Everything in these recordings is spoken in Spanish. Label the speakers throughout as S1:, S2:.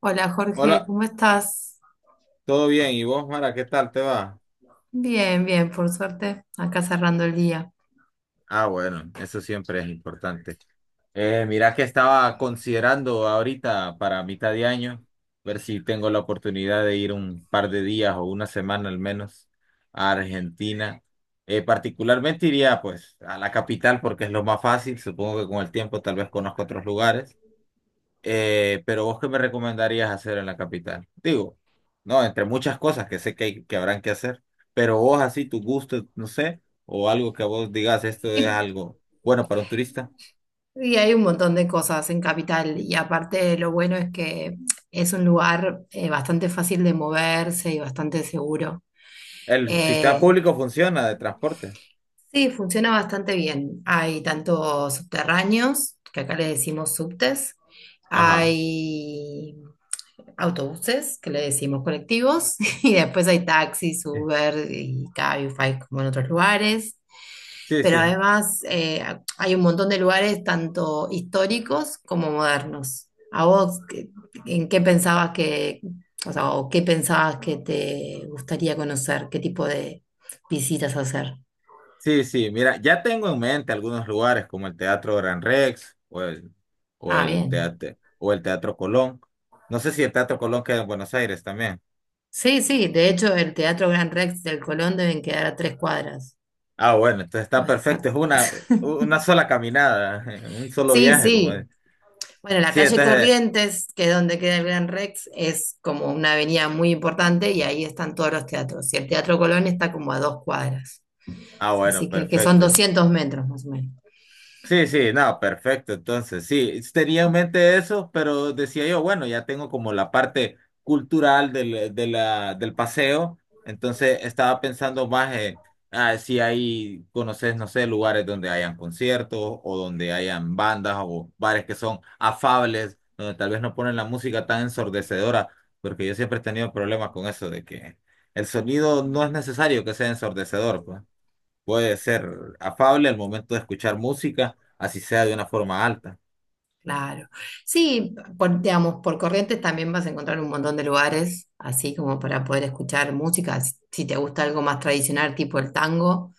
S1: Hola Jorge,
S2: Hola,
S1: ¿cómo estás?
S2: ¿todo bien? ¿Y vos, Mara, qué tal te va?
S1: Bien, bien, por suerte, acá cerrando el día.
S2: Ah, bueno, eso siempre es importante. Mira que estaba considerando ahorita para mitad de año, ver si tengo la oportunidad de ir un par de días o una semana al menos a Argentina. Particularmente iría pues a la capital porque es lo más fácil, supongo que con el tiempo tal vez conozco otros lugares. Pero vos, ¿qué me recomendarías hacer en la capital? Digo, no, entre muchas cosas que sé que, que habrán que hacer, pero vos así, tu gusto, no sé, o algo que vos digas, esto es
S1: Y,
S2: algo bueno para un turista.
S1: y hay un montón de cosas en Capital y aparte lo bueno es que es un lugar bastante fácil de moverse y bastante seguro.
S2: El sistema
S1: Eh,
S2: público funciona de transporte.
S1: sí, funciona bastante bien. Hay tanto subterráneos, que acá le decimos subtes,
S2: Ajá.
S1: hay autobuses, que le decimos colectivos, y después hay taxis,
S2: Sí,
S1: Uber y Cabify como en otros lugares.
S2: sí,
S1: Pero
S2: sí.
S1: además hay un montón de lugares tanto históricos como modernos. ¿A vos en qué pensabas que, o sea, o qué pensabas que te gustaría conocer? ¿Qué tipo de visitas hacer?
S2: Sí, sí, mira, ya tengo en mente algunos lugares como el Teatro Gran Rex o
S1: Ah,
S2: el
S1: bien.
S2: Teatro Colón. No sé si el Teatro Colón queda en Buenos Aires también.
S1: Sí, sí, de hecho el Teatro Gran Rex del Colón deben quedar a 3 cuadras.
S2: Ah, bueno, entonces está perfecto,
S1: Exacto.
S2: una sola caminada, un solo
S1: Sí,
S2: viaje, como
S1: sí.
S2: es.
S1: Bueno, la
S2: Sí,
S1: calle
S2: entonces,
S1: Corrientes, que es donde queda el Gran Rex, es como una avenida muy importante y ahí están todos los teatros. Y el Teatro Colón está como a 2 cuadras,
S2: ah, bueno,
S1: así que son
S2: perfecto.
S1: 200 metros más o menos.
S2: Sí, sí, no, perfecto. Entonces, sí, tenía en mente eso, pero decía yo, bueno, ya tengo como la parte cultural del paseo, entonces estaba pensando más en ah, si hay, conoces, no sé, lugares donde hayan conciertos o donde hayan bandas o bares que son afables, donde tal vez no ponen la música tan ensordecedora, porque yo siempre he tenido problemas con eso de que el sonido no es necesario que sea ensordecedor, pues. Puede ser afable al momento de escuchar música, así sea de una forma alta.
S1: Claro. Sí, por, digamos, por Corrientes también vas a encontrar un montón de lugares, así como para poder escuchar música. Si te gusta algo más tradicional, tipo el tango,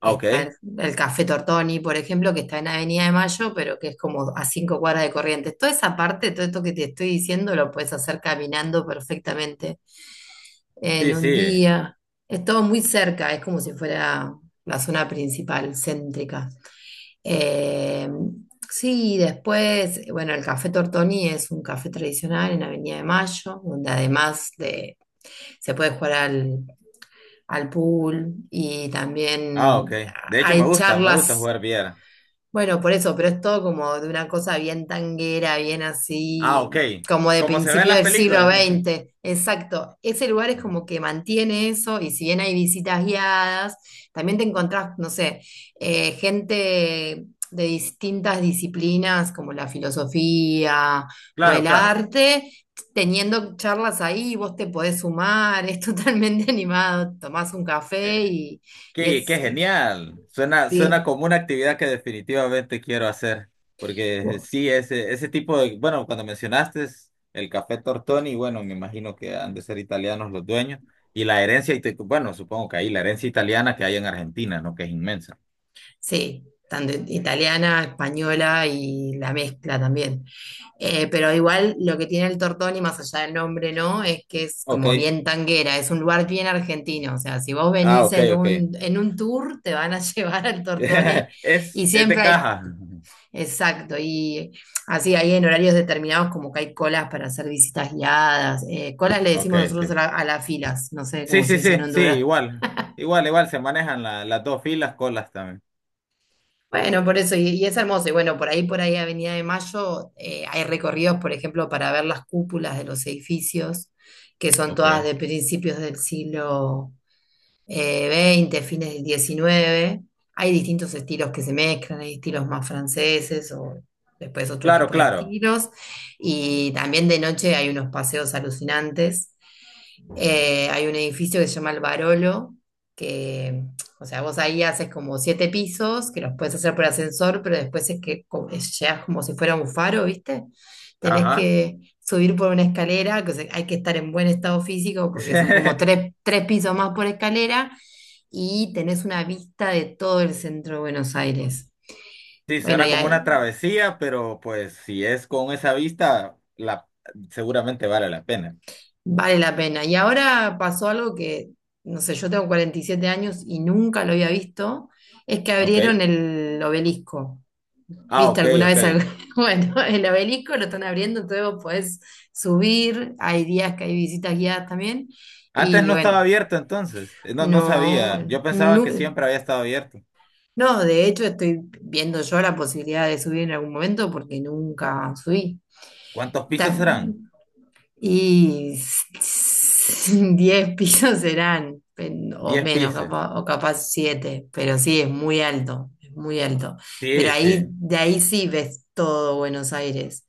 S2: Ah,
S1: está el,
S2: ok.
S1: el Café Tortoni, por ejemplo, que está en Avenida de Mayo, pero que es como a 5 cuadras de Corrientes. Toda esa parte, todo esto que te estoy diciendo, lo puedes hacer caminando perfectamente en
S2: Sí,
S1: un
S2: sí.
S1: día. Es todo muy cerca, es como si fuera la zona principal, céntrica. Eh, sí, después, bueno, el Café Tortoni es un café tradicional en Avenida de Mayo, donde además de, se puede jugar al pool y
S2: Ah, ok.
S1: también
S2: De hecho,
S1: hay
S2: me gusta
S1: charlas,
S2: jugar billar.
S1: bueno, por eso, pero es todo como de una cosa bien tanguera, bien
S2: Ah,
S1: así,
S2: ok.
S1: como de
S2: Como se ve en
S1: principio
S2: las
S1: del siglo
S2: películas.
S1: XX. Exacto. Ese lugar es
S2: Ujú.
S1: como que mantiene eso, y si bien hay visitas guiadas, también te encontrás, no sé, gente de distintas disciplinas como la filosofía o
S2: Claro,
S1: el
S2: claro.
S1: arte, teniendo charlas ahí, vos te podés sumar, es totalmente animado, tomás un café
S2: Eh,
S1: y
S2: Qué, qué genial. Suena
S1: sí.
S2: como una actividad que definitivamente quiero hacer, porque sí, ese tipo de, bueno, cuando mencionaste el café Tortoni, bueno, me imagino que han de ser italianos los dueños, y la herencia, bueno, supongo que ahí la herencia italiana que hay en Argentina, ¿no? Que es inmensa.
S1: Sí, tanto italiana, española y la mezcla también. Pero igual lo que tiene el Tortoni, más allá del nombre, ¿no? Es que es
S2: Ok,
S1: como bien tanguera, es un lugar bien argentino. O sea, si vos
S2: ah,
S1: venís
S2: ok,
S1: en
S2: ok.
S1: un, tour, te van a llevar al Tortoni y
S2: Es de
S1: siempre hay,
S2: caja.
S1: exacto, y así hay en horarios determinados como que hay colas para hacer visitas guiadas. Colas le
S2: Ok,
S1: decimos nosotros a,
S2: ok.
S1: la- a las filas, no sé
S2: Sí,
S1: cómo se
S2: sí,
S1: dice en
S2: sí, sí,
S1: Honduras.
S2: igual, igual, igual, se manejan las dos filas, colas también.
S1: Bueno, por eso, y es hermoso. Y bueno, por ahí, Avenida de Mayo, hay recorridos, por ejemplo, para ver las cúpulas de los edificios, que son
S2: Ok.
S1: todas de principios del siglo XX, fines del XIX. Hay distintos estilos que se mezclan, hay estilos más franceses o después otro
S2: Claro,
S1: tipo de
S2: claro.
S1: estilos. Y también de noche hay unos paseos alucinantes. Hay un edificio que se llama El Barolo, que, o sea, vos ahí haces como 7 pisos, que los puedes hacer por ascensor, pero después es que llegas como si fuera un faro, ¿viste? Tenés
S2: Ajá.
S1: que subir por una escalera, que, o sea, hay que estar en buen estado físico porque son como tres, tres pisos más por escalera y tenés una vista de todo el centro de Buenos Aires.
S2: Sí,
S1: Bueno,
S2: suena como una travesía, pero pues si es con esa vista, la, seguramente vale la pena.
S1: vale la pena. Y ahora pasó algo que, no sé, yo tengo 47 años y nunca lo había visto, es que
S2: ¿Ok?
S1: abrieron el obelisco.
S2: Ah,
S1: ¿Viste
S2: ok,
S1: alguna
S2: ok.
S1: vez algo? Bueno, el obelisco lo están abriendo, entonces vos podés subir, hay días que hay visitas guiadas también,
S2: Antes
S1: y
S2: no estaba
S1: bueno,
S2: abierto entonces. No, no
S1: no,
S2: sabía. Yo pensaba
S1: no,
S2: que siempre había estado abierto.
S1: no, de hecho estoy viendo yo la posibilidad de subir en algún momento porque nunca subí.
S2: ¿Cuántos pisos serán?
S1: Y 10 pisos serán, o
S2: Diez
S1: menos,
S2: pisos.
S1: o capaz siete, pero sí, es muy alto, es muy alto. Pero
S2: Sí,
S1: ahí,
S2: sí.
S1: de ahí sí ves todo Buenos Aires.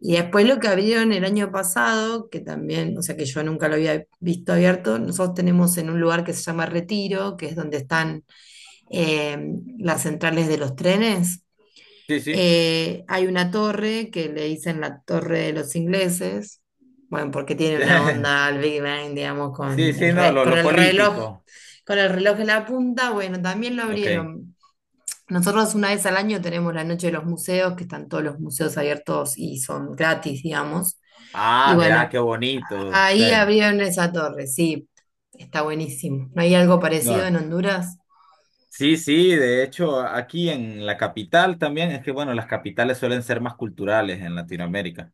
S1: Y después lo que abrieron el año pasado, que también, o sea que yo nunca lo había visto abierto, nosotros tenemos en un lugar que se llama Retiro, que es donde están eh, las centrales de los trenes.
S2: Sí, sí.
S1: Hay una torre que le dicen la torre de los ingleses, bueno, porque tiene una onda al Big Bang, digamos,
S2: Sí,
S1: con el,
S2: sí, no,
S1: re- con
S2: lo
S1: el reloj,
S2: político.
S1: con el reloj en la punta, bueno, también lo
S2: Ok.
S1: abrieron. Nosotros una vez al año tenemos la noche de los museos, que están todos los museos abiertos y son gratis, digamos. Y
S2: Ah, mira qué
S1: bueno,
S2: bonito. Sí.
S1: ahí abrieron esa torre, sí, está buenísimo. ¿No hay algo parecido
S2: No.
S1: en Honduras?
S2: Sí, sí, de hecho, aquí en la capital también, es que bueno, las capitales suelen ser más culturales en Latinoamérica.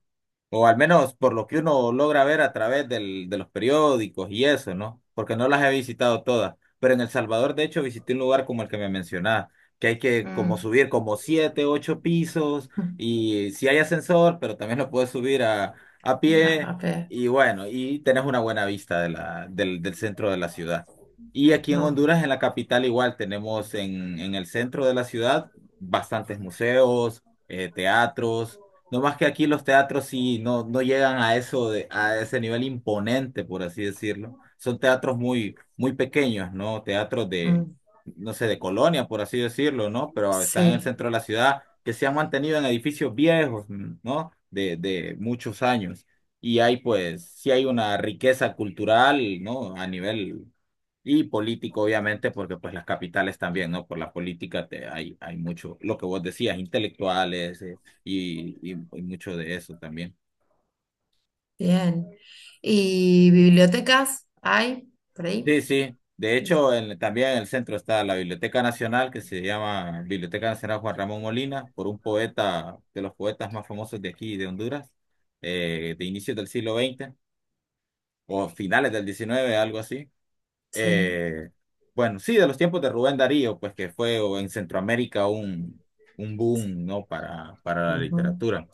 S2: O al menos por lo que uno logra ver a través de los periódicos y eso, ¿no? Porque no las he visitado todas. Pero en El Salvador, de hecho, visité un lugar como el que me mencionaba, que hay que como
S1: Mm.
S2: subir como siete, ocho pisos, y si hay ascensor, pero también lo puedes subir a
S1: Ah, a
S2: pie,
S1: ver,
S2: y bueno, y tenés una buena vista de del centro de la ciudad. Y aquí en
S1: no.
S2: Honduras, en la capital, igual tenemos en el centro de la ciudad bastantes museos, teatros. No más que aquí los teatros sí no, no llegan a eso de, a ese nivel imponente, por así decirlo. Son teatros muy, muy pequeños, ¿no? Teatros de,
S1: Mm,
S2: no sé, de colonia, por así decirlo, ¿no? Pero están en el
S1: sí.
S2: centro de la ciudad, que se han mantenido en edificios viejos, ¿no? De muchos años. Y hay, pues, sí hay una riqueza cultural, ¿no? A nivel y político, obviamente, porque pues las capitales también, ¿no? Por la política te, hay mucho, lo que vos decías, intelectuales, y mucho de eso también.
S1: Bien. ¿Y bibliotecas hay por ahí?
S2: Sí, sí. De hecho, también en el centro está la Biblioteca Nacional, que se llama Biblioteca Nacional Juan Ramón Molina, por un poeta, de los poetas más famosos de aquí, de Honduras, de inicios del siglo XX o finales del XIX, algo así.
S1: Sí.
S2: Eh, bueno, sí, de los tiempos de Rubén Darío, pues que fue o en Centroamérica un boom, ¿no? Para la
S1: Ujú,
S2: literatura.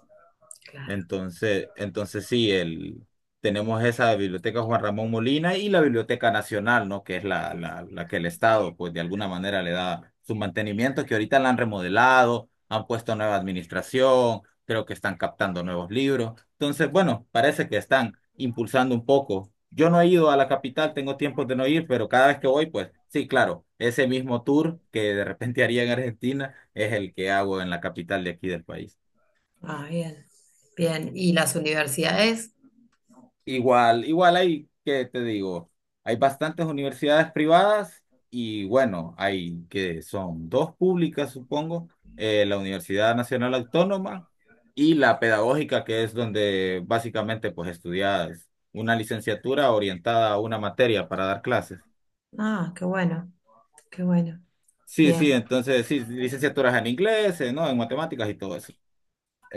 S1: claro.
S2: Entonces, entonces sí, el, tenemos esa biblioteca Juan Ramón Molina y la Biblioteca Nacional, ¿no? Que es la que el Estado, pues de alguna manera le da su mantenimiento, que ahorita la han remodelado, han puesto nueva administración, creo que están captando nuevos libros. Entonces, bueno, parece que están impulsando un poco. Yo no he ido a la capital, tengo tiempo de no ir, pero cada vez que voy, pues sí, claro, ese mismo tour que de repente haría en Argentina es el que hago en la capital de aquí del país.
S1: Ah, bien. Bien. ¿Y las universidades?
S2: Igual, igual hay, ¿que te digo? Hay bastantes universidades privadas y bueno, hay que son dos públicas, supongo, la Universidad Nacional Autónoma y la Pedagógica, que es donde básicamente pues estudias una licenciatura orientada a una materia para dar clases.
S1: Ah, qué bueno, qué bueno.
S2: Sí, sí,
S1: Bien,
S2: entonces sí, licenciaturas en inglés, ¿no? En matemáticas y todo eso.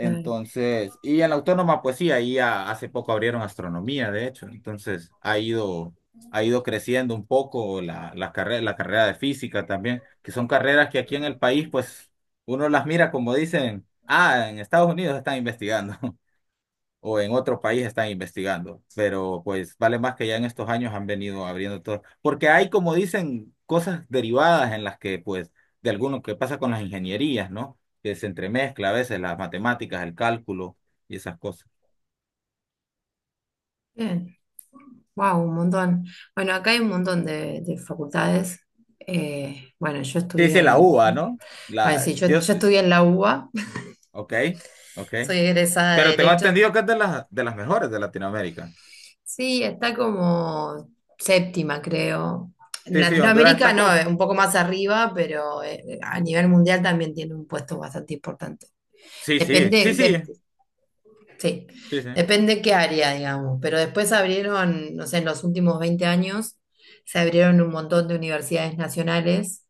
S1: claro.
S2: y en la autónoma, pues sí, ahí hace poco abrieron astronomía, de hecho. Entonces, ha ido creciendo un poco la carrera de física también, que son carreras que aquí en el país, pues uno las mira como dicen, ah, en Estados Unidos están investigando o en otro país están investigando, pero pues vale más que ya en estos años han venido abriendo todo, porque hay como dicen cosas derivadas en las que pues de alguno que pasa con las ingenierías, ¿no? Que se entremezcla a veces las matemáticas, el cálculo y esas cosas.
S1: Bien. Wow, un montón. Bueno, acá hay un montón de facultades. Bueno, yo
S2: Sí,
S1: estudié
S2: dice la uva,
S1: en...
S2: ¿no?
S1: Bueno,
S2: La
S1: sí, yo,
S2: Dios,
S1: yo estudié en la UBA.
S2: ok, ok.
S1: Soy egresada de
S2: Pero tengo
S1: Derecho.
S2: entendido que es de las mejores de Latinoamérica.
S1: Sí, está como séptima, creo. En
S2: Sí, sí, Honduras
S1: Latinoamérica
S2: está
S1: no,
S2: con.
S1: un poco más arriba, pero a nivel mundial también tiene un puesto bastante importante.
S2: Sí, sí,
S1: Depende,
S2: sí, sí.
S1: sí,
S2: Sí, sí.
S1: depende qué área, digamos. Pero después abrieron, no sé, en los últimos 20 años se abrieron un montón de universidades nacionales,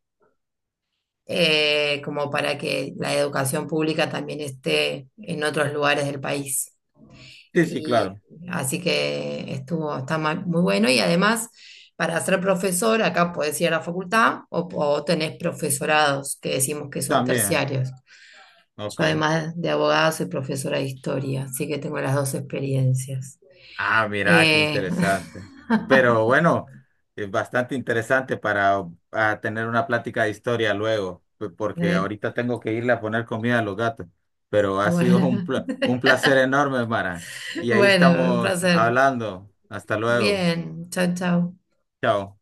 S1: como para que la educación pública también esté en otros lugares del país.
S2: Sí, sí,
S1: Y
S2: claro.
S1: así que estuvo, está muy bueno. Y además, para ser profesor, acá podés ir a la facultad o tenés profesorados, que decimos que son
S2: También.
S1: terciarios. Yo
S2: Ok.
S1: además de abogada soy profesora de historia, así que tengo las dos experiencias.
S2: Ah, mira, qué
S1: Eh,
S2: interesante. Pero bueno, es bastante interesante para tener una plática de historia luego, porque
S1: eh,
S2: ahorita tengo que irle a poner comida a los gatos. Pero ha sido un,
S1: bueno,
S2: un placer enorme, Mara. Y ahí
S1: bueno, un
S2: estamos
S1: placer.
S2: hablando. Hasta luego.
S1: Bien, chao, chao.
S2: Chao.